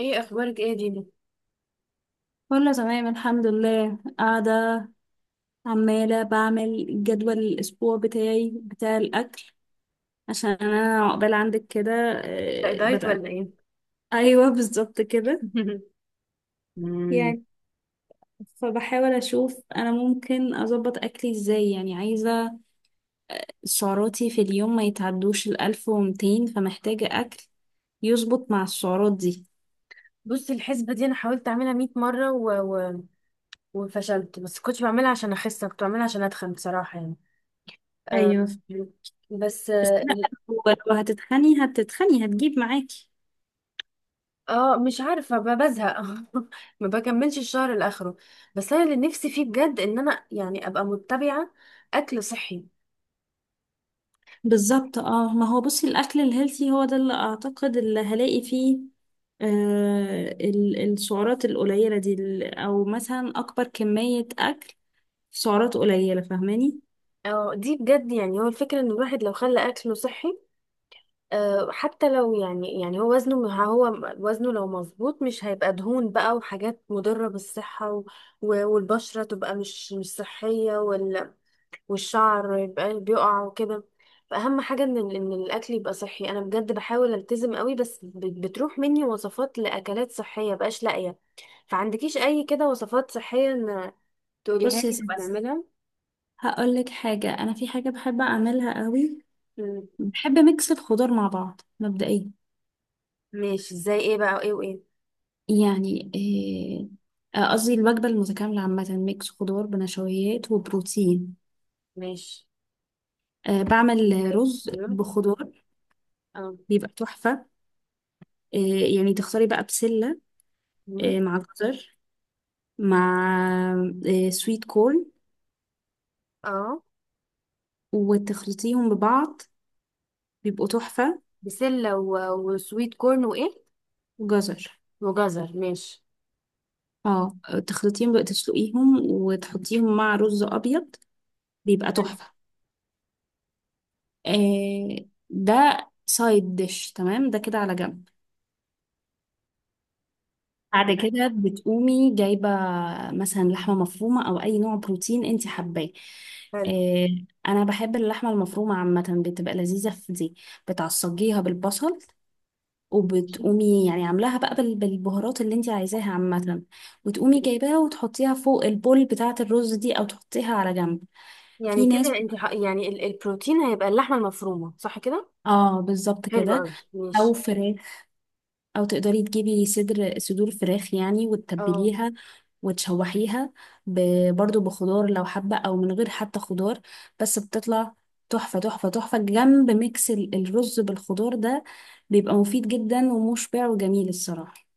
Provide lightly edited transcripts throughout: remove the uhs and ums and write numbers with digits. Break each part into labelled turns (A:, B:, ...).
A: ايه اخبارك ايه يا دينا؟
B: كله تمام الحمد لله قاعدة، عمالة بعمل جدول الأسبوع بتاعي بتاع الأكل عشان أنا عقبال عندك كده.
A: ده
B: آه،
A: دايت
B: بدأت
A: ولا ايه؟
B: أيوه بالظبط كده.
A: مم.
B: يعني فبحاول أشوف أنا ممكن أظبط أكلي إزاي. يعني عايزة سعراتي في اليوم ما يتعدوش الألف ومتين، فمحتاجة أكل يظبط مع السعرات دي.
A: بصي الحسبه دي انا حاولت اعملها 100 مره و... وفشلت، بس كنت بعملها عشان اخس، كنت بعملها عشان اتخن، بصراحه يعني. آه
B: أيوه،
A: بس،
B: بس لا. هو لو هتتخني هتتخني هتجيب معاكي.
A: مش عارفه، بزهق. ما بكملش الشهر لاخره. بس انا اللي نفسي فيه بجد، ان انا يعني ابقى متبعه اكل صحي.
B: بالظبط، اه ما هو بصي الاكل الهيلثي هو ده اللي اعتقد اللي هلاقي فيه السعرات القليله دي، او مثلا اكبر كميه اكل في سعرات قليله، فاهماني؟
A: اه، دي بجد يعني، هو الفكره ان الواحد لو خلى اكله صحي، حتى لو، يعني هو وزنه لو مظبوط، مش هيبقى دهون بقى وحاجات مضرة بالصحة، والبشرة تبقى مش صحية، والشعر يبقى بيقع وكده. فأهم حاجة إن الأكل يبقى صحي. أنا بجد بحاول ألتزم قوي، بس بتروح مني وصفات لأكلات صحية، بقاش لاقية. فعندكيش أي كده وصفات صحية إن تقوليها
B: بصي يا
A: لي تبقى
B: ستي،
A: نعملها؟
B: هقول لك حاجه. انا في حاجه بحب اعملها قوي،
A: مم.
B: بحب ميكس الخضار مع بعض مبدئيا.
A: ماشي، زي إيه بقى وإيه وإيه؟
B: يعني قصدي الوجبه المتكامله عامه: ميكس خضار بنشويات وبروتين.
A: ماشي.
B: آه بعمل
A: زي-
B: رز
A: أيوة.
B: بخضار،
A: اه.
B: بيبقى تحفه. إيه يعني؟ تختاري بقى بسلة،
A: مم.
B: إيه، مع جزر، مع إيه، سويت كورن،
A: اه.
B: وتخلطيهم ببعض، بيبقوا تحفة.
A: بسلة وسويت كورن وإيه؟
B: وجزر،
A: وجزر. ماشي.
B: اه. تخلطيهم بقى، تسلقيهم وتحطيهم مع رز أبيض، بيبقى
A: حلو.
B: تحفة. إيه ده! سايد ديش، تمام، ده كده على جنب. بعد كده بتقومي جايبة مثلا لحمة مفرومة أو أي نوع بروتين انت حباه.
A: حلو.
B: إيه، أنا بحب اللحمة المفرومة عامة، بتبقى لذيذة في دي. بتعصجيها بالبصل
A: ماشي،
B: وبتقومي يعني عاملاها بقى بالبهارات اللي انت عايزاها عامة، وتقومي جايباها وتحطيها فوق البول بتاعة الرز دي او تحطيها على جنب.
A: يعني
B: في ناس،
A: كده انت، يعني البروتين هيبقى اللحمة المفرومة، صح كده؟
B: اه بالظبط
A: حلو
B: كده.
A: قوي، ماشي.
B: او فراخ، او تقدري تجيبي صدور فراخ يعني
A: اه.
B: وتتبليها وتشوحيها، برضو بخضار لو حابة او من غير حتى خضار، بس بتطلع تحفة تحفة تحفة جنب ميكس الرز بالخضار ده. بيبقى مفيد جدا ومشبع وجميل الصراحة.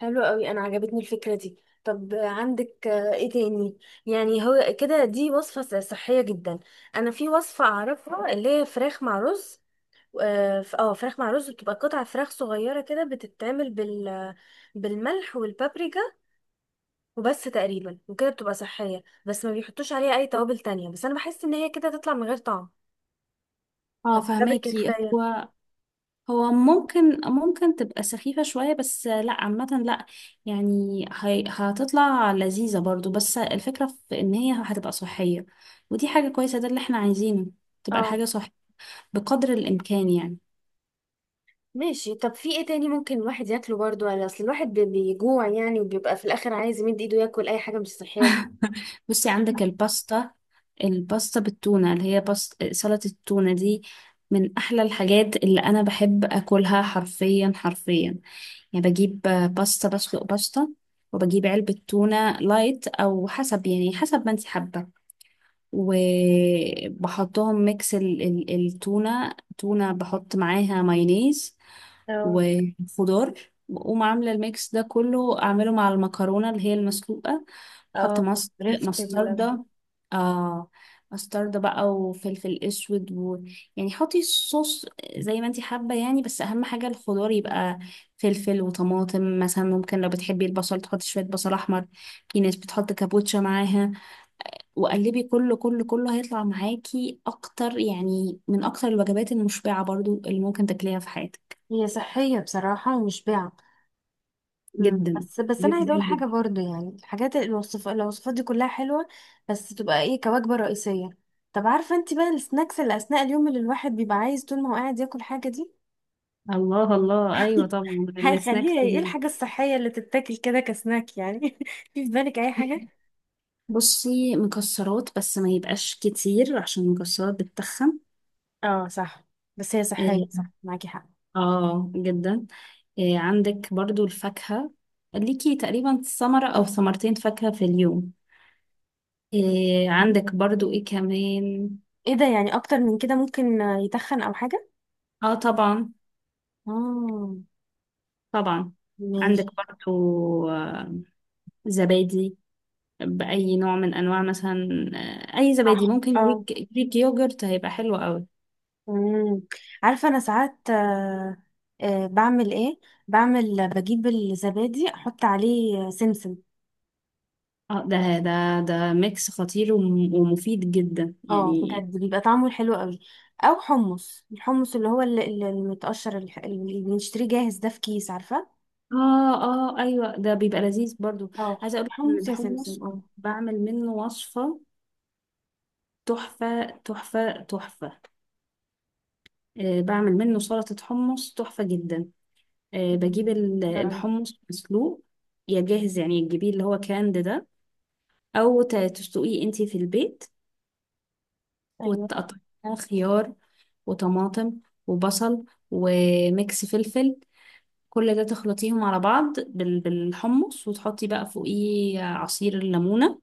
A: حلو قوي، انا عجبتني الفكره دي. طب عندك ايه تاني؟ يعني هو كده، دي وصفه صحيه جدا. انا في وصفه اعرفها اللي هي فراخ مع رز. اه، فراخ مع رز، بتبقى قطع فراخ صغيره كده، بتتعمل بالملح والبابريكا وبس تقريبا، وكده بتبقى صحية، بس ما بيحطوش عليها أي توابل تانية. بس أنا بحس إن هي كده تطلع من غير طعم،
B: اه
A: والتوابل كده
B: فهماكي.
A: كفاية.
B: هو هو ممكن تبقى سخيفة شوية، بس لا عامة لا، يعني هتطلع لذيذة برضو، بس الفكرة في ان هي هتبقى صحية ودي حاجة كويسة، ده اللي احنا عايزينه، تبقى
A: اه.
B: الحاجة صح بقدر الامكان يعني.
A: ماشي. طب في ايه تاني ممكن الواحد ياكله برضو يعني؟ اصل الواحد بيجوع يعني، وبيبقى في الاخر عايز يمد ايده ياكل اي حاجه مش صحيه.
B: بصي عندك الباستا، الباستا بالتونة اللي هي باستا سلطة التونة دي، من احلى الحاجات اللي انا بحب اكلها، حرفيا حرفيا. يعني بجيب باستا، بسلق باستا، وبجيب علبة تونة لايت او حسب، يعني حسب ما انت حابة، وبحطهم ميكس التونة. تونة بحط معاها مايونيز
A: اه،
B: وخضار، بقوم عاملة الميكس ده كله أعمله مع المكرونة اللي هي المسلوقة. بحط
A: اه، عرفت
B: مستردة. آه مستردة بقى وفلفل أسود و... يعني حطي الصوص زي ما انتي حابة يعني، بس أهم حاجة الخضار يبقى فلفل وطماطم مثلا، ممكن لو بتحبي البصل تحطي شوية بصل أحمر. في ناس بتحط كابوتشا معاها. وقلبي، كله كله كله هيطلع معاكي اكتر، يعني من اكتر الوجبات المشبعة برضو اللي ممكن تاكليها في حياتك.
A: هي صحية بصراحة ومشبعة. مم.
B: جدا
A: بس انا عايزه
B: جدا
A: اقول حاجه،
B: جدا.
A: برضو يعني الحاجات، الوصفات دي كلها حلوه، بس تبقى ايه كوجبه رئيسيه؟ طب عارفه انت بقى السناكس اللي اثناء اليوم، اللي الواحد بيبقى عايز طول ما هو قاعد ياكل حاجه دي؟
B: الله الله، ايوه طبعا.
A: هيخليها
B: السناكس
A: ايه الحاجه الصحيه اللي تتاكل كده كسناك يعني؟ في بالك اي حاجه؟
B: بصي مكسرات، بس ما يبقاش كتير عشان المكسرات بتتخن.
A: اه، صح. بس هي صحيه،
B: إيه،
A: صح، معاكي حق.
B: اه جدا. إيه، عندك برضو الفاكهة، ليكي تقريبا ثمرة او ثمرتين فاكهة في اليوم. إيه،
A: مم.
B: عندك برضو ايه كمان،
A: ايه ده؟ يعني اكتر من كده ممكن يتخن او حاجه؟
B: اه طبعا
A: اه.
B: طبعا. عندك
A: ماشي.
B: برضو آه، زبادي، بأي نوع من أنواع مثلا. آه، أي
A: صح.
B: زبادي ممكن.
A: اه.
B: جريك، جريك يوجرت هيبقى حلو قوي.
A: مم. عارفة، أنا ساعات، بعمل إيه؟ بجيب الزبادي، أحط عليه سمسم.
B: اه ده ده، ده ميكس خطير ومفيد جدا
A: اه،
B: يعني.
A: بجد بيبقى طعمه حلو قوي. أو الحمص اللي هو المتقشر، اللي بنشتريه جاهز ده في كيس، عارفة؟
B: اه اه ايوه، ده بيبقى لذيذ برضو.
A: اه.
B: عايزه اقول لك
A: حمص يا سمسم،
B: الحمص،
A: اه.
B: بعمل منه وصفه تحفه تحفه تحفه. آه بعمل منه سلطه حمص تحفه جدا. آه
A: مم.
B: بجيب
A: حلو أوي.
B: الحمص مسلوق، يا جاهز يعني تجيبيه اللي هو كاند ده، او تسلقيه انتي في البيت،
A: أيوه.
B: وتقطعيها خيار وطماطم وبصل وميكس فلفل. كل ده تخلطيهم على بعض بالحمص، وتحطي بقى فوقيه عصير الليمونة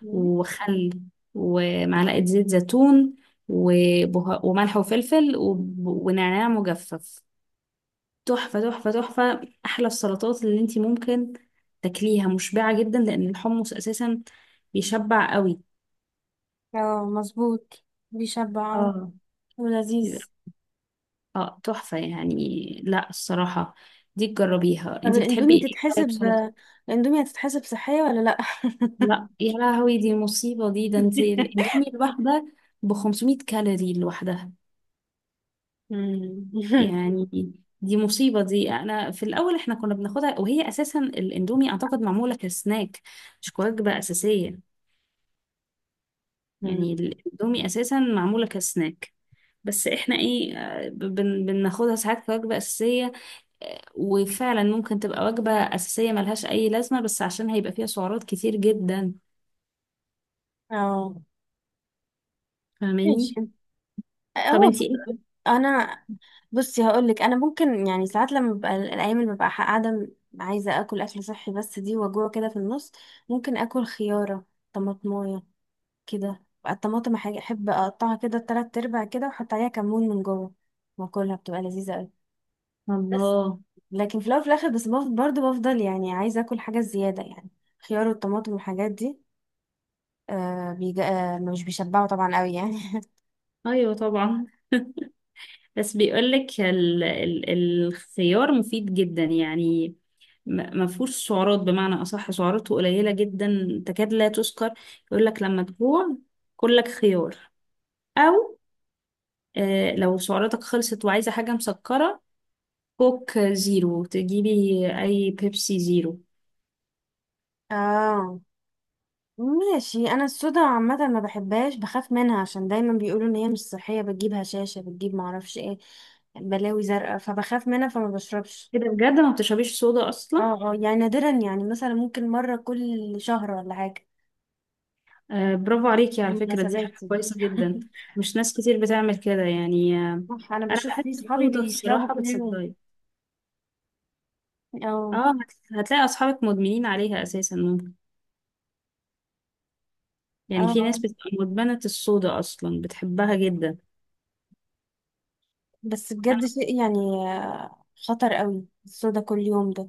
A: مم.
B: وخل ومعلقة زيت زيتون وملح وفلفل ونعناع مجفف. تحفة تحفة تحفة، أحلى السلطات اللي انتي ممكن تاكليها، مشبعة جدا لأن الحمص أساسا بيشبع قوي.
A: اه، مظبوط. بيشبع
B: اه
A: ولذيذ.
B: اه تحفة يعني، لا الصراحة دي تجربيها.
A: طب
B: انتي بتحبي ايه طيب؟ سلطة؟
A: الأندومي هتتحسب صحية ولا لأ؟
B: لا يا لهوي، دي مصيبة دي! ده انتي الاندومي الواحدة ب 500 كالوري لوحدها يعني، دي مصيبة دي. انا في الاول احنا كنا بناخدها، وهي اساسا الاندومي اعتقد معمولة كسناك مش كوجبة اساسية.
A: مم.
B: يعني الاندومي اساسا معمولة كسناك، بس احنا ايه آه، بناخدها ساعات كوجبة اساسية. وفعلا ممكن تبقى وجبة أساسية ملهاش أي لازمة، بس عشان هيبقى فيها سعرات كتير جدا،
A: اه.
B: فاهماني.
A: ماشي.
B: طب
A: هو
B: انتي ايه؟
A: خد- انا، بصي، هقول لك، انا ممكن يعني ساعات لما ببقى، الايام اللي ببقى قاعده عايزه اكل اكل صحي، بس دي وجوه كده في النص. ممكن اكل خياره، طماطمايه كده. بقى الطماطم حاجه احب اقطعها كده تلات ارباع كده، واحط عليها كمون من جوه، واكلها بتبقى لذيذه قوي. بس
B: الله.
A: لكن في الاول وفي الاخر، بس بفضل برضه بفضل يعني عايزه اكل حاجه زياده يعني. خيار والطماطم والحاجات دي، آه بيج... آه مش بيشبعوا طبعا قوي يعني.
B: أيوة طبعا، بس بيقولك الخيار مفيد جدا يعني، ما فيهوش سعرات، بمعنى أصح سعراته قليلة جدا تكاد لا تذكر. يقولك لما تجوع كلك خيار، أو آه لو سعراتك خلصت وعايزة حاجة مسكرة كوك زيرو تجيبي، أي بيبسي زيرو.
A: اه. ماشي. انا الصودا عامه ما بحبهاش، بخاف منها عشان دايما بيقولوا ان هي مش صحيه، بتجيب هشاشه، بتجيب معرفش ايه، بلاوي زرقاء، فبخاف منها فما بشربش.
B: كده بجد ما بتشربيش صودا اصلا؟
A: اه، اه، يعني نادرا، يعني مثلا ممكن مره كل شهر ولا حاجه،
B: آه برافو عليكي، على فكره دي
A: مناسبات
B: حاجه
A: يعني.
B: كويسه جدا، مش ناس كتير بتعمل كده يعني، آه.
A: صح، انا
B: انا
A: بشوف
B: بحب
A: في صحابي
B: الصودا
A: بيشربوا
B: الصراحه،
A: كل يوم.
B: بتصدقي؟
A: اه،
B: اه هتلاقي اصحابك مدمنين عليها اساسا ممكن،
A: اه،
B: يعني في ناس
A: آه.
B: بتبقى مدمنه الصودا اصلا بتحبها جدا.
A: بس
B: انا
A: بجد شيء يعني، خطر قوي الصودا كل يوم ده.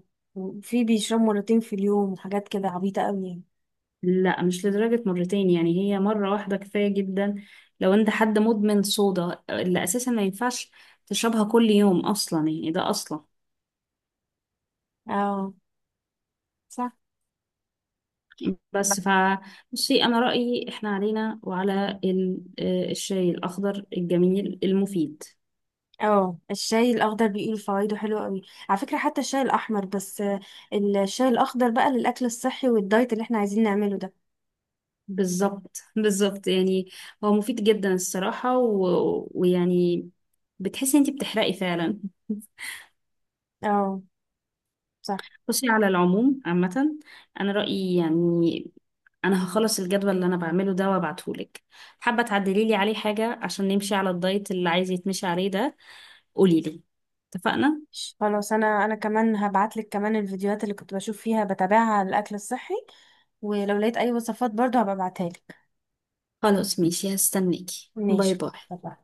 A: في بيشربوا مرتين في اليوم وحاجات كده، عبيطه قوي يعني.
B: لا، مش لدرجه مرتين يعني، هي مره واحده كفايه جدا. لو انت حد مدمن صودا، اللي اساسا ما ينفعش تشربها كل يوم اصلا يعني ده اصلا.
A: اه، صح.
B: بس ف، بصي انا رايي احنا علينا وعلى آه، الشاي الاخضر الجميل المفيد.
A: اه، الشاي الاخضر بيقولوا فوائده حلوه قوي. على فكره حتى الشاي الاحمر، بس الشاي الاخضر بقى للاكل الصحي والدايت اللي احنا عايزين نعمله ده.
B: بالظبط بالظبط يعني، هو مفيد جدا الصراحه و... ويعني بتحسي انتي بتحرقي فعلا.
A: اه، صح.
B: بصي على العموم عامه، انا رايي يعني انا هخلص الجدول اللي انا بعمله ده وابعتهولك. حابه تعدلي لي عليه حاجه عشان نمشي على الدايت اللي عايز يتمشي عليه ده، قولي لي. اتفقنا؟
A: خلاص، انا كمان هبعت لك كمان الفيديوهات اللي كنت بشوف فيها بتابعها على الاكل الصحي، ولو لقيت اي وصفات برضو هبقى ابعتها لك.
B: خلاص ماشي، هستناكي، باي
A: ماشي.
B: باي.
A: طبعا.